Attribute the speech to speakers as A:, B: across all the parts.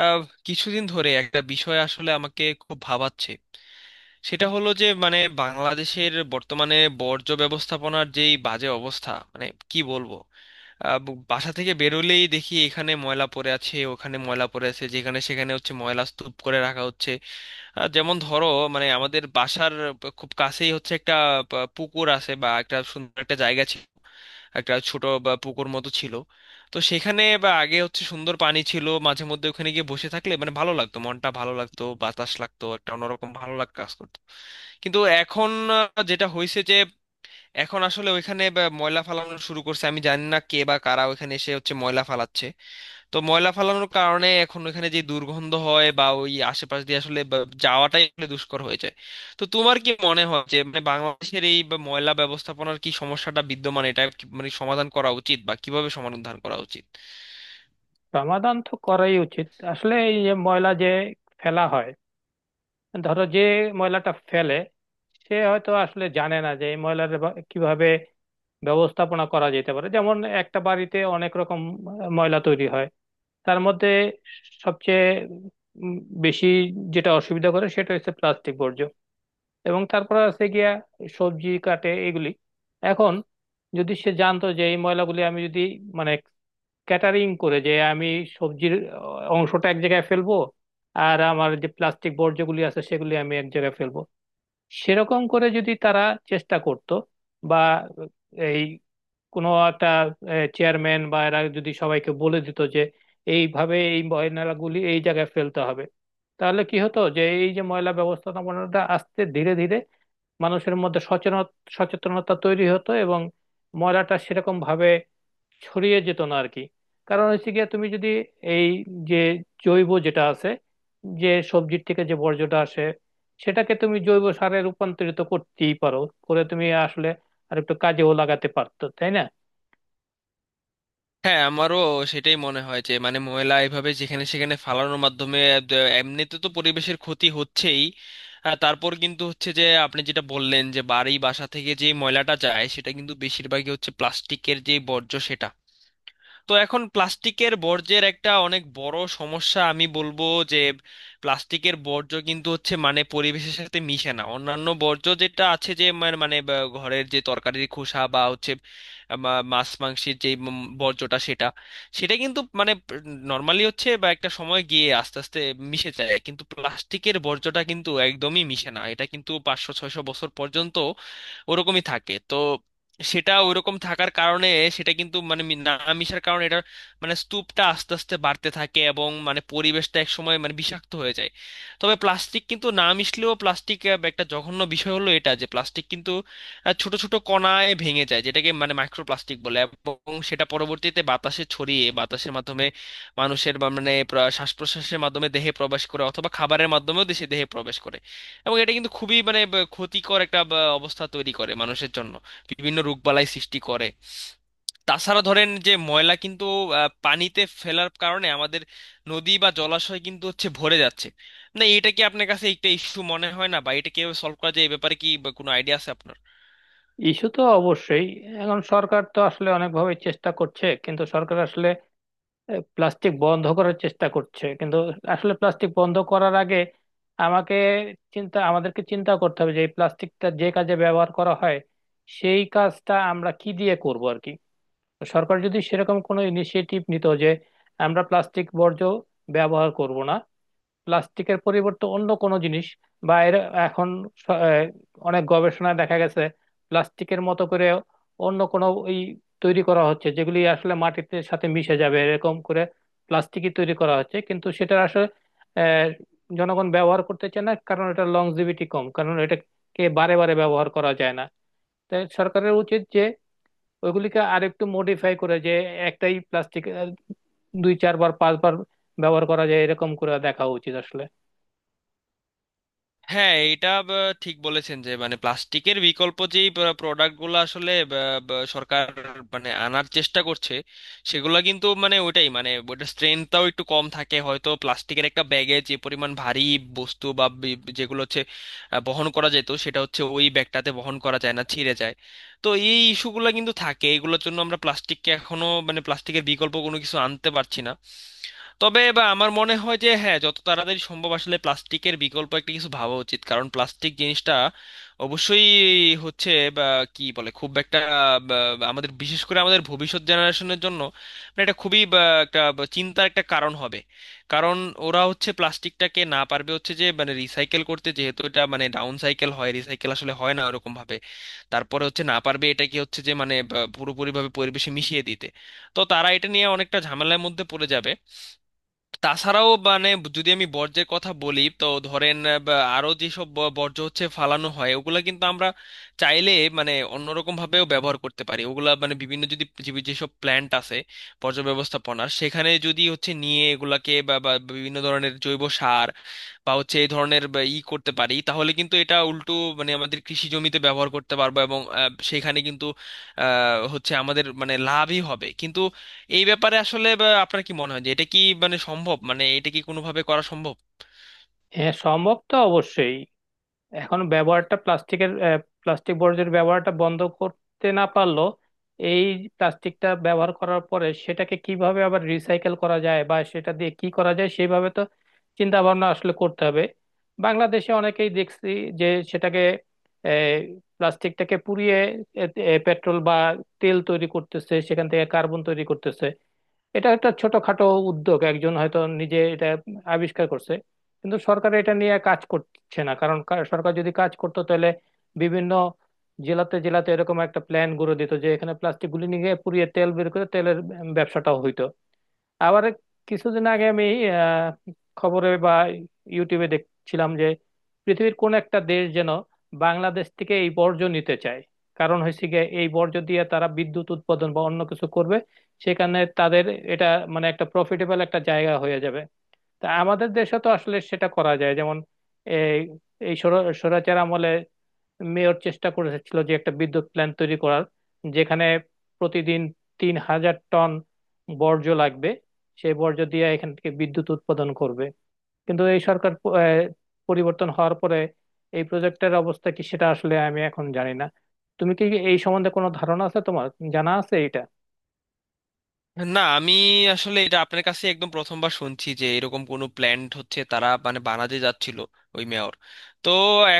A: আহ, কিছুদিন ধরে একটা বিষয় আসলে আমাকে খুব ভাবাচ্ছে। সেটা হলো যে মানে বাংলাদেশের বর্তমানে বর্জ্য ব্যবস্থাপনার যেই বাজে অবস্থা, মানে কি বলবো, বাসা থেকে বেরোলেই দেখি এখানে ময়লা পড়ে আছে, ওখানে ময়লা পড়ে আছে, যেখানে সেখানে হচ্ছে ময়লা স্তূপ করে রাখা হচ্ছে। যেমন ধরো, মানে আমাদের বাসার খুব কাছেই হচ্ছে একটা পুকুর আছে বা একটা সুন্দর একটা জায়গা ছিল, একটা ছোট বা পুকুর মতো ছিল। তো সেখানে বা আগে হচ্ছে সুন্দর পানি ছিল, মাঝে মধ্যে ওখানে গিয়ে বসে থাকলে মানে ভালো লাগতো, মনটা ভালো লাগতো, বাতাস লাগতো, একটা অন্যরকম ভালো লাগা কাজ করতো। কিন্তু এখন যেটা হয়েছে যে এখন আসলে ওইখানে বা ময়লা ফালানো শুরু করছে, আমি জানি না কে বা কারা ওইখানে এসে হচ্ছে ময়লা ফালাচ্ছে। তো ময়লা ফালানোর কারণে এখন ওখানে যে দুর্গন্ধ হয় বা ওই আশেপাশ দিয়ে আসলে যাওয়াটাই আসলে দুষ্কর হয়ে যায়। তো তোমার কি মনে হয় যে মানে বাংলাদেশের এই বা ময়লা ব্যবস্থাপনার কি সমস্যাটা বিদ্যমান, এটা কি মানে সমাধান করা উচিত বা কিভাবে সমাধান করা উচিত?
B: সমাধান তো করাই উচিত। আসলে এই যে ময়লা যে ফেলা হয়, ধরো যে ময়লাটা ফেলে, সে হয়তো আসলে জানে না যে এই ময়লার কিভাবে ব্যবস্থাপনা করা যেতে পারে। যেমন একটা বাড়িতে অনেক রকম ময়লা তৈরি হয়, তার মধ্যে সবচেয়ে উম বেশি যেটা অসুবিধা করে সেটা হচ্ছে প্লাস্টিক বর্জ্য। এবং তারপর আছে গিয়া সবজি কাটে এগুলি। এখন যদি সে জানতো যে এই ময়লাগুলি আমি যদি মানে ক্যাটারিং করে, যে আমি সবজির অংশটা এক জায়গায় ফেলবো, আর আমার যে প্লাস্টিক বর্জ্যগুলি আছে সেগুলি আমি এক জায়গায় ফেলবো। সেরকম করে যদি তারা চেষ্টা করত, বা এই কোনো একটা চেয়ারম্যান বা এরা যদি সবাইকে বলে দিত যে এইভাবে এই ময়লাগুলি এই জায়গায় ফেলতে হবে, তাহলে কি হতো যে এই যে ময়লা ব্যবস্থাপনাটা আস্তে ধীরে ধীরে মানুষের মধ্যে সচেতনতা তৈরি হতো এবং ময়লাটা সেরকম ভাবে ছড়িয়ে যেত না আর কি। কারণ হচ্ছে গিয়ে তুমি যদি এই যে জৈব যেটা আছে, যে সবজির থেকে যে বর্জ্যটা আসে, সেটাকে তুমি জৈব সারে রূপান্তরিত করতেই পারো, করে তুমি আসলে আর একটু কাজেও লাগাতে পারতো, তাই না?
A: হ্যাঁ, আমারও সেটাই মনে হয় যে মানে ময়লা এভাবে যেখানে সেখানে ফালানোর মাধ্যমে এমনিতে তো পরিবেশের ক্ষতি হচ্ছেই। তারপর কিন্তু হচ্ছে যে আপনি যেটা বললেন যে বাড়ি বাসা থেকে যে ময়লাটা যায় সেটা কিন্তু বেশিরভাগই হচ্ছে প্লাস্টিকের যে বর্জ্য সেটা। তো এখন প্লাস্টিকের বর্জ্যের একটা অনেক বড় সমস্যা আমি বলবো, যে প্লাস্টিকের বর্জ্য কিন্তু হচ্ছে মানে পরিবেশের সাথে মিশে না। অন্যান্য বর্জ্য যেটা আছে, যে মানে মানে বা ঘরের যে তরকারির খোসা বা হচ্ছে মাছ মাংসের যে বর্জ্যটা সেটা, সেটা কিন্তু মানে নর্মালি হচ্ছে বা একটা সময় গিয়ে আস্তে আস্তে মিশে যায়, কিন্তু প্লাস্টিকের বর্জ্যটা কিন্তু একদমই মিশে না। এটা কিন্তু 500 600 বছর পর্যন্ত ওরকমই থাকে। তো সেটা ওইরকম থাকার কারণে, সেটা কিন্তু মানে মি- না মিশার কারণে এটা মানে স্তূপটা আস্তে আস্তে বাড়তে থাকে এবং মানে পরিবেশটা এক সময় মানে বিষাক্ত হয়ে যায়। তবে প্লাস্টিক কিন্তু না মিশলেও প্লাস্টিক একটা জঘন্য বিষয় হলো এটা, যে প্লাস্টিক কিন্তু ছোট ছোট কণায় ভেঙে যায়, যেটাকে মানে মাইক্রোপ্লাস্টিক বলে, এবং সেটা পরবর্তীতে বাতাসে ছড়িয়ে বাতাসের মাধ্যমে মানুষের বা মানে শ্বাস প্রশ্বাসের মাধ্যমে দেহে প্রবেশ করে, অথবা খাবারের মাধ্যমেও দেশে দেহে প্রবেশ করে। এবং এটা কিন্তু খুবই মানে ক্ষতিকর একটা অবস্থা তৈরি করে মানুষের জন্য, বিভিন্ন রোগবালাই সৃষ্টি করে। তাছাড়া ধরেন যে ময়লা কিন্তু পানিতে ফেলার কারণে আমাদের নদী বা জলাশয় কিন্তু হচ্ছে ভরে যাচ্ছে। না, এটা কি আপনার কাছে একটা ইস্যু মনে হয় না, বা এটা কিভাবে সলভ করা যায় এই ব্যাপারে কি বা কোনো আইডিয়া আছে আপনার?
B: ইস্যু তো অবশ্যই। এখন সরকার তো আসলে অনেকভাবে চেষ্টা করছে, কিন্তু সরকার আসলে প্লাস্টিক বন্ধ করার চেষ্টা করছে, কিন্তু আসলে প্লাস্টিক বন্ধ করার আগে আমাকে চিন্তা আমাদেরকে চিন্তা করতে হবে যে এই প্লাস্টিকটা যে কাজে ব্যবহার করা হয় সেই কাজটা আমরা কি দিয়ে করব আর কি। তো সরকার যদি সেরকম কোনো ইনিশিয়েটিভ নিত যে আমরা প্লাস্টিক বর্জ্য ব্যবহার করব না, প্লাস্টিকের পরিবর্তে অন্য কোনো জিনিস বা এর। এখন স- আহ, অনেক গবেষণায় দেখা গেছে প্লাস্টিকের মতো করে অন্য কোনো ওই তৈরি করা হচ্ছে যেগুলি আসলে মাটিতে সাথে মিশে যাবে এরকম করে প্লাস্টিকই তৈরি করা হচ্ছে, কিন্তু সেটা আসলে আহ, জনগণ ব্যবহার করতে চায় না, কারণ এটা লংজিভিটি কম, কারণ এটাকে বারে বারে ব্যবহার করা যায় না। তাই সরকারের উচিত যে ওইগুলিকে আরেকটু মডিফাই করে যে একটাই প্লাস্টিক দুই চারবার পাঁচবার ব্যবহার করা যায় এরকম করে দেখা উচিত আসলে।
A: হ্যাঁ, ঠিক বলেছেন যে মানে প্লাস্টিকের বিকল্প যেই প্রোডাক্টগুলো আসলে সরকার মানে আনার চেষ্টা করছে, সেগুলো কিন্তু মানে ওইটাই মানে ওইটার স্ট্রেংথটাও একটু কম থাকে। হয়তো প্লাস্টিকের একটা ব্যাগে যে পরিমাণ ভারী বস্তু বা যেগুলো হচ্ছে বহন করা যেত, সেটা হচ্ছে ওই ব্যাগটাতে বহন করা যায় না, ছিঁড়ে যায়। তো এই ইস্যুগুলো কিন্তু থাকে, এগুলোর জন্য আমরা প্লাস্টিককে এখনো মানে প্লাস্টিকের বিকল্প কোনো কিছু আনতে পারছি না। তবে বা আমার মনে হয় যে হ্যাঁ, যত তাড়াতাড়ি সম্ভব আসলে প্লাস্টিকের বিকল্প একটা কিছু ভাবা উচিত, কারণ প্লাস্টিক জিনিসটা অবশ্যই হচ্ছে বা কি বলে খুব একটা বা, আমাদের, বিশেষ করে আমাদের ভবিষ্যৎ জেনারেশনের জন্য মানে এটা খুবই একটা চিন্তার একটা কারণ হবে। কারণ ওরা হচ্ছে প্লাস্টিকটাকে না পারবে হচ্ছে যে মানে রিসাইকেল করতে, যেহেতু এটা মানে ডাউন সাইকেল হয়, রিসাইকেল আসলে হয় না ওরকম ভাবে। তারপরে হচ্ছে না পারবে এটাকে হচ্ছে যে মানে পুরোপুরিভাবে পরিবেশে মিশিয়ে দিতে। তো তারা এটা নিয়ে অনেকটা ঝামেলার মধ্যে পড়ে যাবে। তাছাড়াও মানে যদি আমি বর্জ্যের কথা বলি, তো ধরেন বা আরো যেসব বর্জ্য হচ্ছে ফালানো হয়, ওগুলা কিন্তু আমরা চাইলে মানে অন্যরকম ভাবেও ব্যবহার করতে পারি। ওগুলা মানে বিভিন্ন, যদি পৃথিবীর যেসব প্ল্যান্ট আছে বর্জ্য ব্যবস্থাপনার, সেখানে যদি হচ্ছে নিয়ে এগুলাকে বা বা বিভিন্ন ধরনের জৈব সার বা হচ্ছে এই ধরনের বা ই করতে পারি, তাহলে কিন্তু এটা উল্টো মানে আমাদের কৃষি জমিতে ব্যবহার করতে পারবো, এবং সেখানে কিন্তু হচ্ছে আমাদের মানে লাভই হবে। কিন্তু এই ব্যাপারে আসলে আপনার কি মনে হয় যে এটা কি মানে সম্ভব, মানে এটা কি কোনোভাবে করা সম্ভব?
B: হ্যাঁ, সম্ভব তো অবশ্যই। এখন ব্যবহারটা প্লাস্টিকের প্লাস্টিক বর্জ্যের ব্যবহারটা বন্ধ করতে না পারলো, এই প্লাস্টিকটা ব্যবহার করার পরে সেটাকে কিভাবে আবার রিসাইকেল করা যায় বা সেটা দিয়ে কি করা যায় সেইভাবে তো চিন্তা ভাবনা আসলে করতে হবে। বাংলাদেশে অনেকেই দেখছি যে সেটাকে প্লাস্টিকটাকে পুড়িয়ে পেট্রোল বা তেল তৈরি করতেছে, সেখান থেকে কার্বন তৈরি করতেছে। এটা একটা ছোটখাটো উদ্যোগ, একজন হয়তো নিজে এটা আবিষ্কার করছে, কিন্তু সরকার এটা নিয়ে কাজ করছে না। কারণ সরকার যদি কাজ করতো তাহলে বিভিন্ন জেলাতে জেলাতে এরকম একটা প্ল্যান গুঁড়ো দিত যে এখানে প্লাস্টিক গুলি নিয়ে গিয়ে পুড়িয়ে তেল বের করে তেলের ব্যবসাটাও হইতো। আবার কিছুদিন আগে আমি আহ, খবরে বা ইউটিউবে দেখছিলাম যে পৃথিবীর কোন একটা দেশ যেন বাংলাদেশ থেকে এই বর্জ্য নিতে চায়, কারণ হচ্ছে গিয়ে এই বর্জ্য দিয়ে তারা বিদ্যুৎ উৎপাদন বা অন্য কিছু করবে। সেখানে তাদের এটা মানে একটা প্রফিটেবল একটা জায়গা হয়ে যাবে। তা আমাদের দেশে তো আসলে সেটা করা যায়। যেমন এই এই স্বৈরাচার আমলে মেয়র চেষ্টা করেছিল যে একটা বিদ্যুৎ প্ল্যান্ট তৈরি করার, যেখানে প্রতিদিন 3,000 টন বর্জ্য লাগবে, সেই বর্জ্য দিয়ে এখান থেকে বিদ্যুৎ উৎপাদন করবে। কিন্তু এই সরকার পরিবর্তন হওয়ার পরে এই প্রজেক্টের অবস্থা কি সেটা আসলে আমি এখন জানি না। তুমি কি এই সম্বন্ধে কোনো ধারণা আছে তোমার? জানা আছে এটা?
A: না, আমি আসলে এটা আপনার কাছে একদম প্রথমবার শুনছি যে এরকম কোনো প্ল্যান্ট হচ্ছে তারা মানে বানাতে যাচ্ছিল ওই মেয়র। তো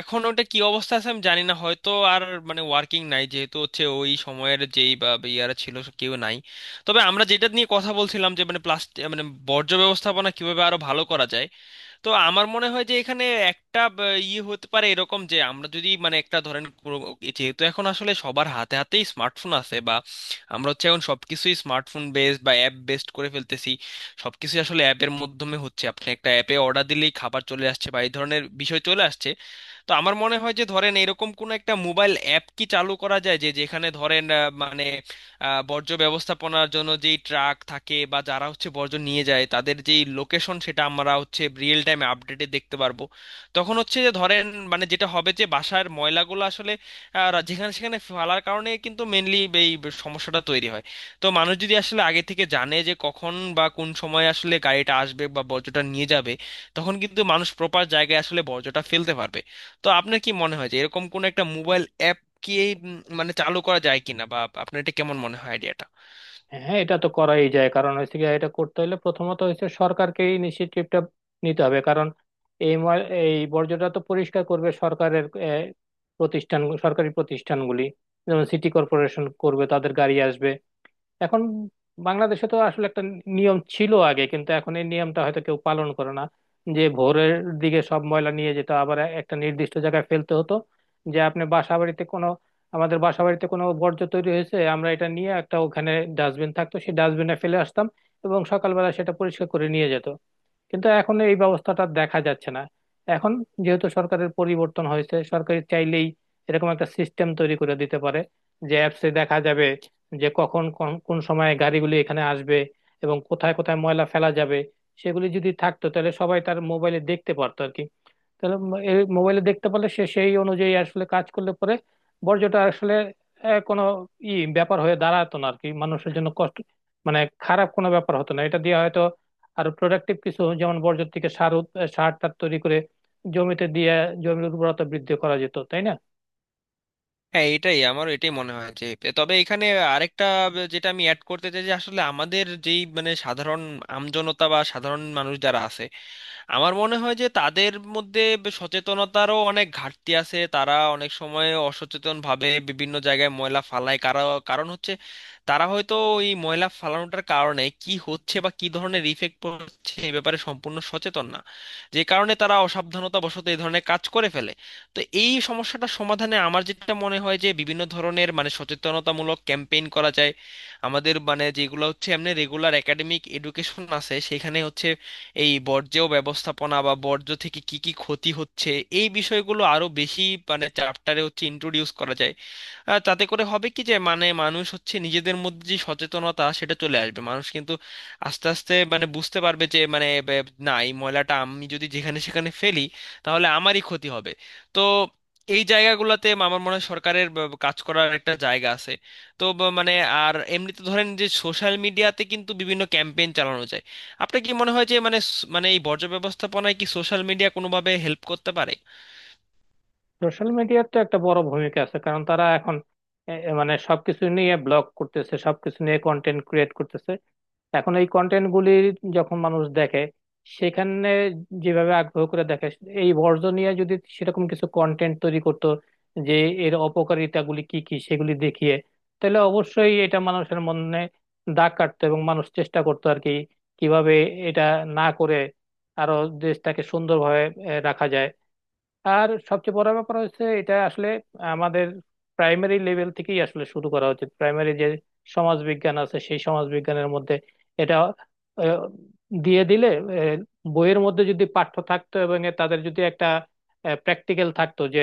A: এখন ওটা কি অবস্থা আছে আমি জানি না, হয়তো আর মানে ওয়ার্কিং নাই যেহেতু হচ্ছে ওই সময়ের যেই বা বা ইয়ারা ছিল সব কেউ নাই। তবে আমরা যেটা নিয়ে কথা বলছিলাম যে মানে প্লাস্টিক মানে বর্জ্য ব্যবস্থাপনা কিভাবে আরো ভালো করা যায়, তো আমার মনে হয় যে এখানে একটা ইয়ে হতে পারে এরকম যে আমরা যদি মানে একটা ধরেন যেহেতু এখন আসলে সবার হাতে হাতেই স্মার্টফোন আছে বা আমরা হচ্ছে এখন সবকিছুই স্মার্টফোন বেসড বা অ্যাপ বেসড করে ফেলতেছি। সবকিছুই আসলে অ্যাপের মাধ্যমে হচ্ছে, আপনি একটা অ্যাপে অর্ডার দিলেই খাবার চলে আসছে বা এই ধরনের বিষয় চলে আসছে। তো আমার মনে হয় যে ধরেন এরকম কোন একটা মোবাইল অ্যাপ কি চালু করা যায়, যে যেখানে ধরেন বর্জ্য ব্যবস্থাপনার জন্য যেই ট্রাক থাকে বা যারা হচ্ছে বর্জ্য নিয়ে যায় তাদের যেই লোকেশন, সেটা আমরা হচ্ছে রিয়েল টাইমে আপডেটে দেখতে পারবো। তখন হচ্ছে যে ধরেন মানে যেটা হবে যে বাসার ময়লাগুলো আসলে যেখানে সেখানে ফেলার কারণে কিন্তু মেনলি এই সমস্যাটা তৈরি হয়। তো মানুষ যদি আসলে আগে থেকে জানে যে কখন বা কোন সময় আসলে গাড়িটা আসবে বা বর্জ্যটা নিয়ে যাবে, তখন কিন্তু মানুষ প্রপার জায়গায় আসলে বর্জ্যটা ফেলতে পারবে। তো আপনার কি মনে হয় যে এরকম কোন একটা মোবাইল অ্যাপ কি এই মানে চালু করা যায় কিনা, বা আপনার এটা কেমন মনে হয় আইডিয়াটা?
B: হ্যাঁ, এটা তো করাই যায়। কারণ হচ্ছে কি, এটা করতে হলে প্রথমত হচ্ছে সরকারকে ইনিশিয়েটিভটা নিতে হবে। কারণ এই বর্জ্যটা তো পরিষ্কার করবে সরকারের প্রতিষ্ঠান, সরকারি প্রতিষ্ঠানগুলি যেমন সিটি কর্পোরেশন করবে, তাদের গাড়ি আসবে। এখন বাংলাদেশে তো আসলে একটা নিয়ম ছিল আগে, কিন্তু এখন এই নিয়মটা হয়তো কেউ পালন করে না। যে ভোরের দিকে সব ময়লা নিয়ে যেত, আবার একটা নির্দিষ্ট জায়গায় ফেলতে হতো। যে আপনি বাসা বাড়িতে কোনো আমাদের বাসা বাড়িতে কোনো বর্জ্য তৈরি হয়েছে, আমরা এটা নিয়ে একটা ওখানে ডাস্টবিন থাকতো, সেই ডাস্টবিনে ফেলে আসতাম এবং সকালবেলা সেটা পরিষ্কার করে নিয়ে যেত। কিন্তু এখন এই ব্যবস্থাটা দেখা যাচ্ছে না। এখন যেহেতু সরকারের পরিবর্তন হয়েছে, সরকার চাইলেই এরকম একটা সিস্টেম তৈরি করে দিতে পারে যে অ্যাপসে দেখা যাবে যে কখন কোন কোন সময় গাড়িগুলি এখানে আসবে এবং কোথায় কোথায় ময়লা ফেলা যাবে। সেগুলি যদি থাকতো তাহলে সবাই তার মোবাইলে দেখতে পারতো আর কি। তাহলে মোবাইলে দেখতে পারলে সে সেই অনুযায়ী আসলে কাজ করলে পরে বর্জ্যটা আসলে কোনো ই ব্যাপার হয়ে দাঁড়াতো না আর কি, মানুষের জন্য কষ্ট মানে খারাপ কোনো ব্যাপার হতো না। এটা দিয়ে হয়তো আরো প্রোডাক্টিভ কিছু, যেমন বর্জ্য থেকে সার টার তৈরি করে জমিতে দিয়ে জমির উর্বরতা বৃদ্ধি করা যেত, তাই না?
A: হ্যাঁ, এটাই আমারও এটাই মনে হয় যে, তবে এখানে আরেকটা যেটা আমি অ্যাড করতে চাই, যে আসলে আমাদের যেই মানে সাধারণ আমজনতা বা সাধারণ মানুষ যারা আছে, আমার মনে হয় যে তাদের মধ্যে সচেতনতারও অনেক ঘাটতি আছে। তারা অনেক সময় অসচেতন ভাবে বিভিন্ন জায়গায় ময়লা ফালায়, কারণ হচ্ছে তারা হয়তো এই ময়লা ফালানোটার কারণে কি হচ্ছে বা কি ধরনের ইফেক্ট পড়ছে এই ব্যাপারে সম্পূর্ণ সচেতন না। যে কারণে তারা অসাবধানতা বশত এই ধরনের কাজ করে ফেলে। তো এই সমস্যাটা সমাধানে আমার যেটা মনে হয় যে বিভিন্ন ধরনের মানে সচেতনতামূলক ক্যাম্পেইন করা যায়। আমাদের মানে যেগুলো হচ্ছে এমনি রেগুলার একাডেমিক এডুকেশন আছে, সেখানে হচ্ছে এই বর্জ্য ব্যবস্থাপনা বা বর্জ্য থেকে কি কি ক্ষতি হচ্ছে এই বিষয়গুলো আরো বেশি মানে চ্যাপ্টারে হচ্ছে ইন্ট্রোডিউস করা যায়। তাতে করে হবে কি যে মানে মানুষ হচ্ছে নিজেদের মধ্যে যে সচেতনতা সেটা চলে আসবে, মানুষ কিন্তু আস্তে আস্তে মানে বুঝতে পারবে যে মানে বে- না এই ময়লাটা আমি যদি যেখানে সেখানে ফেলি তাহলে আমারই ক্ষতি হবে। তো এই জায়গাগুলোতে আমার মনে হয় সরকারের কাজ করার একটা জায়গা আছে। তো ব- মানে আর এমনিতে ধরেন যে সোশ্যাল মিডিয়াতে কিন্তু বিভিন্ন ক্যাম্পেইন চালানো যায়। আপনার কি মনে হয় যে মানে মানে এই বর্জ্য ব্যবস্থাপনায় কি সোশ্যাল মিডিয়া কোনোভাবে হেল্প করতে পারে?
B: সোশ্যাল মিডিয়ার তো একটা বড় ভূমিকা আছে। কারণ তারা এখন এ- এ মানে সবকিছু নিয়ে ব্লগ করতেছে, সবকিছু নিয়ে কন্টেন্ট ক্রিয়েট করতেছে। এখন এই কন্টেন্ট গুলি যখন মানুষ দেখে, সেখানে যেভাবে আগ্রহ করে দেখে, এই বর্জন নিয়ে যদি সেরকম কিছু কন্টেন্ট তৈরি করতো যে এর অপকারিতা গুলি কি কি সেগুলি দেখিয়ে, তাহলে অবশ্যই এটা মানুষের মনে দাগ কাটতো এবং মানুষ চেষ্টা করতো আর কি কিভাবে এটা না করে আরো দেশটাকে সুন্দরভাবে রাখা যায়। আর সবচেয়ে বড় ব্যাপার হচ্ছে এটা আসলে আমাদের প্রাইমারি লেভেল থেকেই আসলে শুরু করা উচিত। প্রাইমারি যে সমাজ বিজ্ঞান আছে সেই সমাজ বিজ্ঞানের মধ্যে এটা আহ, দিয়ে দিলে, আহ, বইয়ের মধ্যে যদি পাঠ্য থাকতো এবং এ তাদের যদি একটা প্র্যাকটিক্যাল থাকতো যে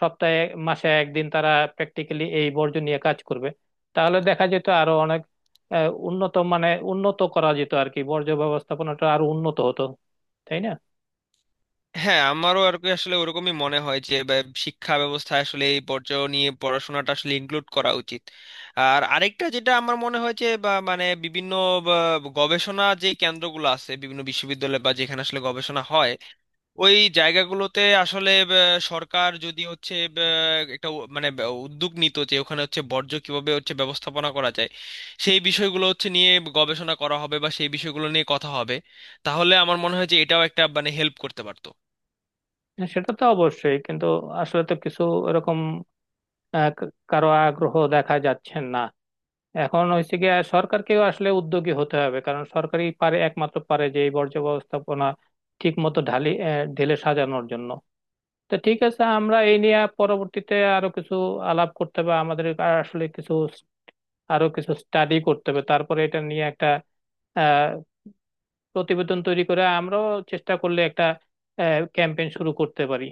B: সপ্তাহে মাসে একদিন তারা প্র্যাকটিক্যালি এই বর্জ্য নিয়ে কাজ করবে, তাহলে দেখা যেত আরো অনেক উন্নত মানে উন্নত করা যেত আর কি, বর্জ্য ব্যবস্থাপনাটা আরো উন্নত হতো, তাই না?
A: হ্যাঁ, আমারও আর কি আসলে ওরকমই মনে হয় যে শিক্ষা ব্যবস্থায় আসলে এই পর্যায়ে নিয়ে পড়াশোনাটা আসলে ইনক্লুড করা উচিত। আর আরেকটা যেটা আমার মনে হয় যে বা মানে বিভিন্ন বা, গবেষণা যে কেন্দ্রগুলো আছে বিভিন্ন বিশ্ববিদ্যালয় বা যেখানে আসলে গবেষণা হয়, ওই জায়গাগুলোতে আসলে সরকার যদি হচ্ছে একটা উদ্যোগ নিত যে ওখানে হচ্ছে বর্জ্য কিভাবে হচ্ছে ব্যবস্থাপনা করা যায়, সেই বিষয়গুলো হচ্ছে নিয়ে গবেষণা করা হবে বা সেই বিষয়গুলো নিয়ে কথা হবে, তাহলে আমার মনে হয় যে এটাও একটা মানে হেল্প করতে পারতো।
B: হ্যাঁ, সেটা তো অবশ্যই। কিন্তু আসলে তো কিছু এরকম কারো আগ্রহ দেখা যাচ্ছে না। এখন হচ্ছে গিয়ে সরকারকেও আসলে উদ্যোগী হতে হবে, কারণ সরকারই পারে একমাত্র পারে যে এই বর্জ্য ব্যবস্থাপনা ঠিক মতো ঢেলে সাজানোর জন্য। তো ঠিক আছে, আমরা এই নিয়ে পরবর্তীতে আরো কিছু আলাপ করতে হবে আমাদের। আর আসলে আরো কিছু স্টাডি করতে হবে, তারপরে এটা নিয়ে একটা আহ প্রতিবেদন তৈরি করে আমরাও চেষ্টা করলে একটা ক্যাম্পেইন শুরু করতে পারি।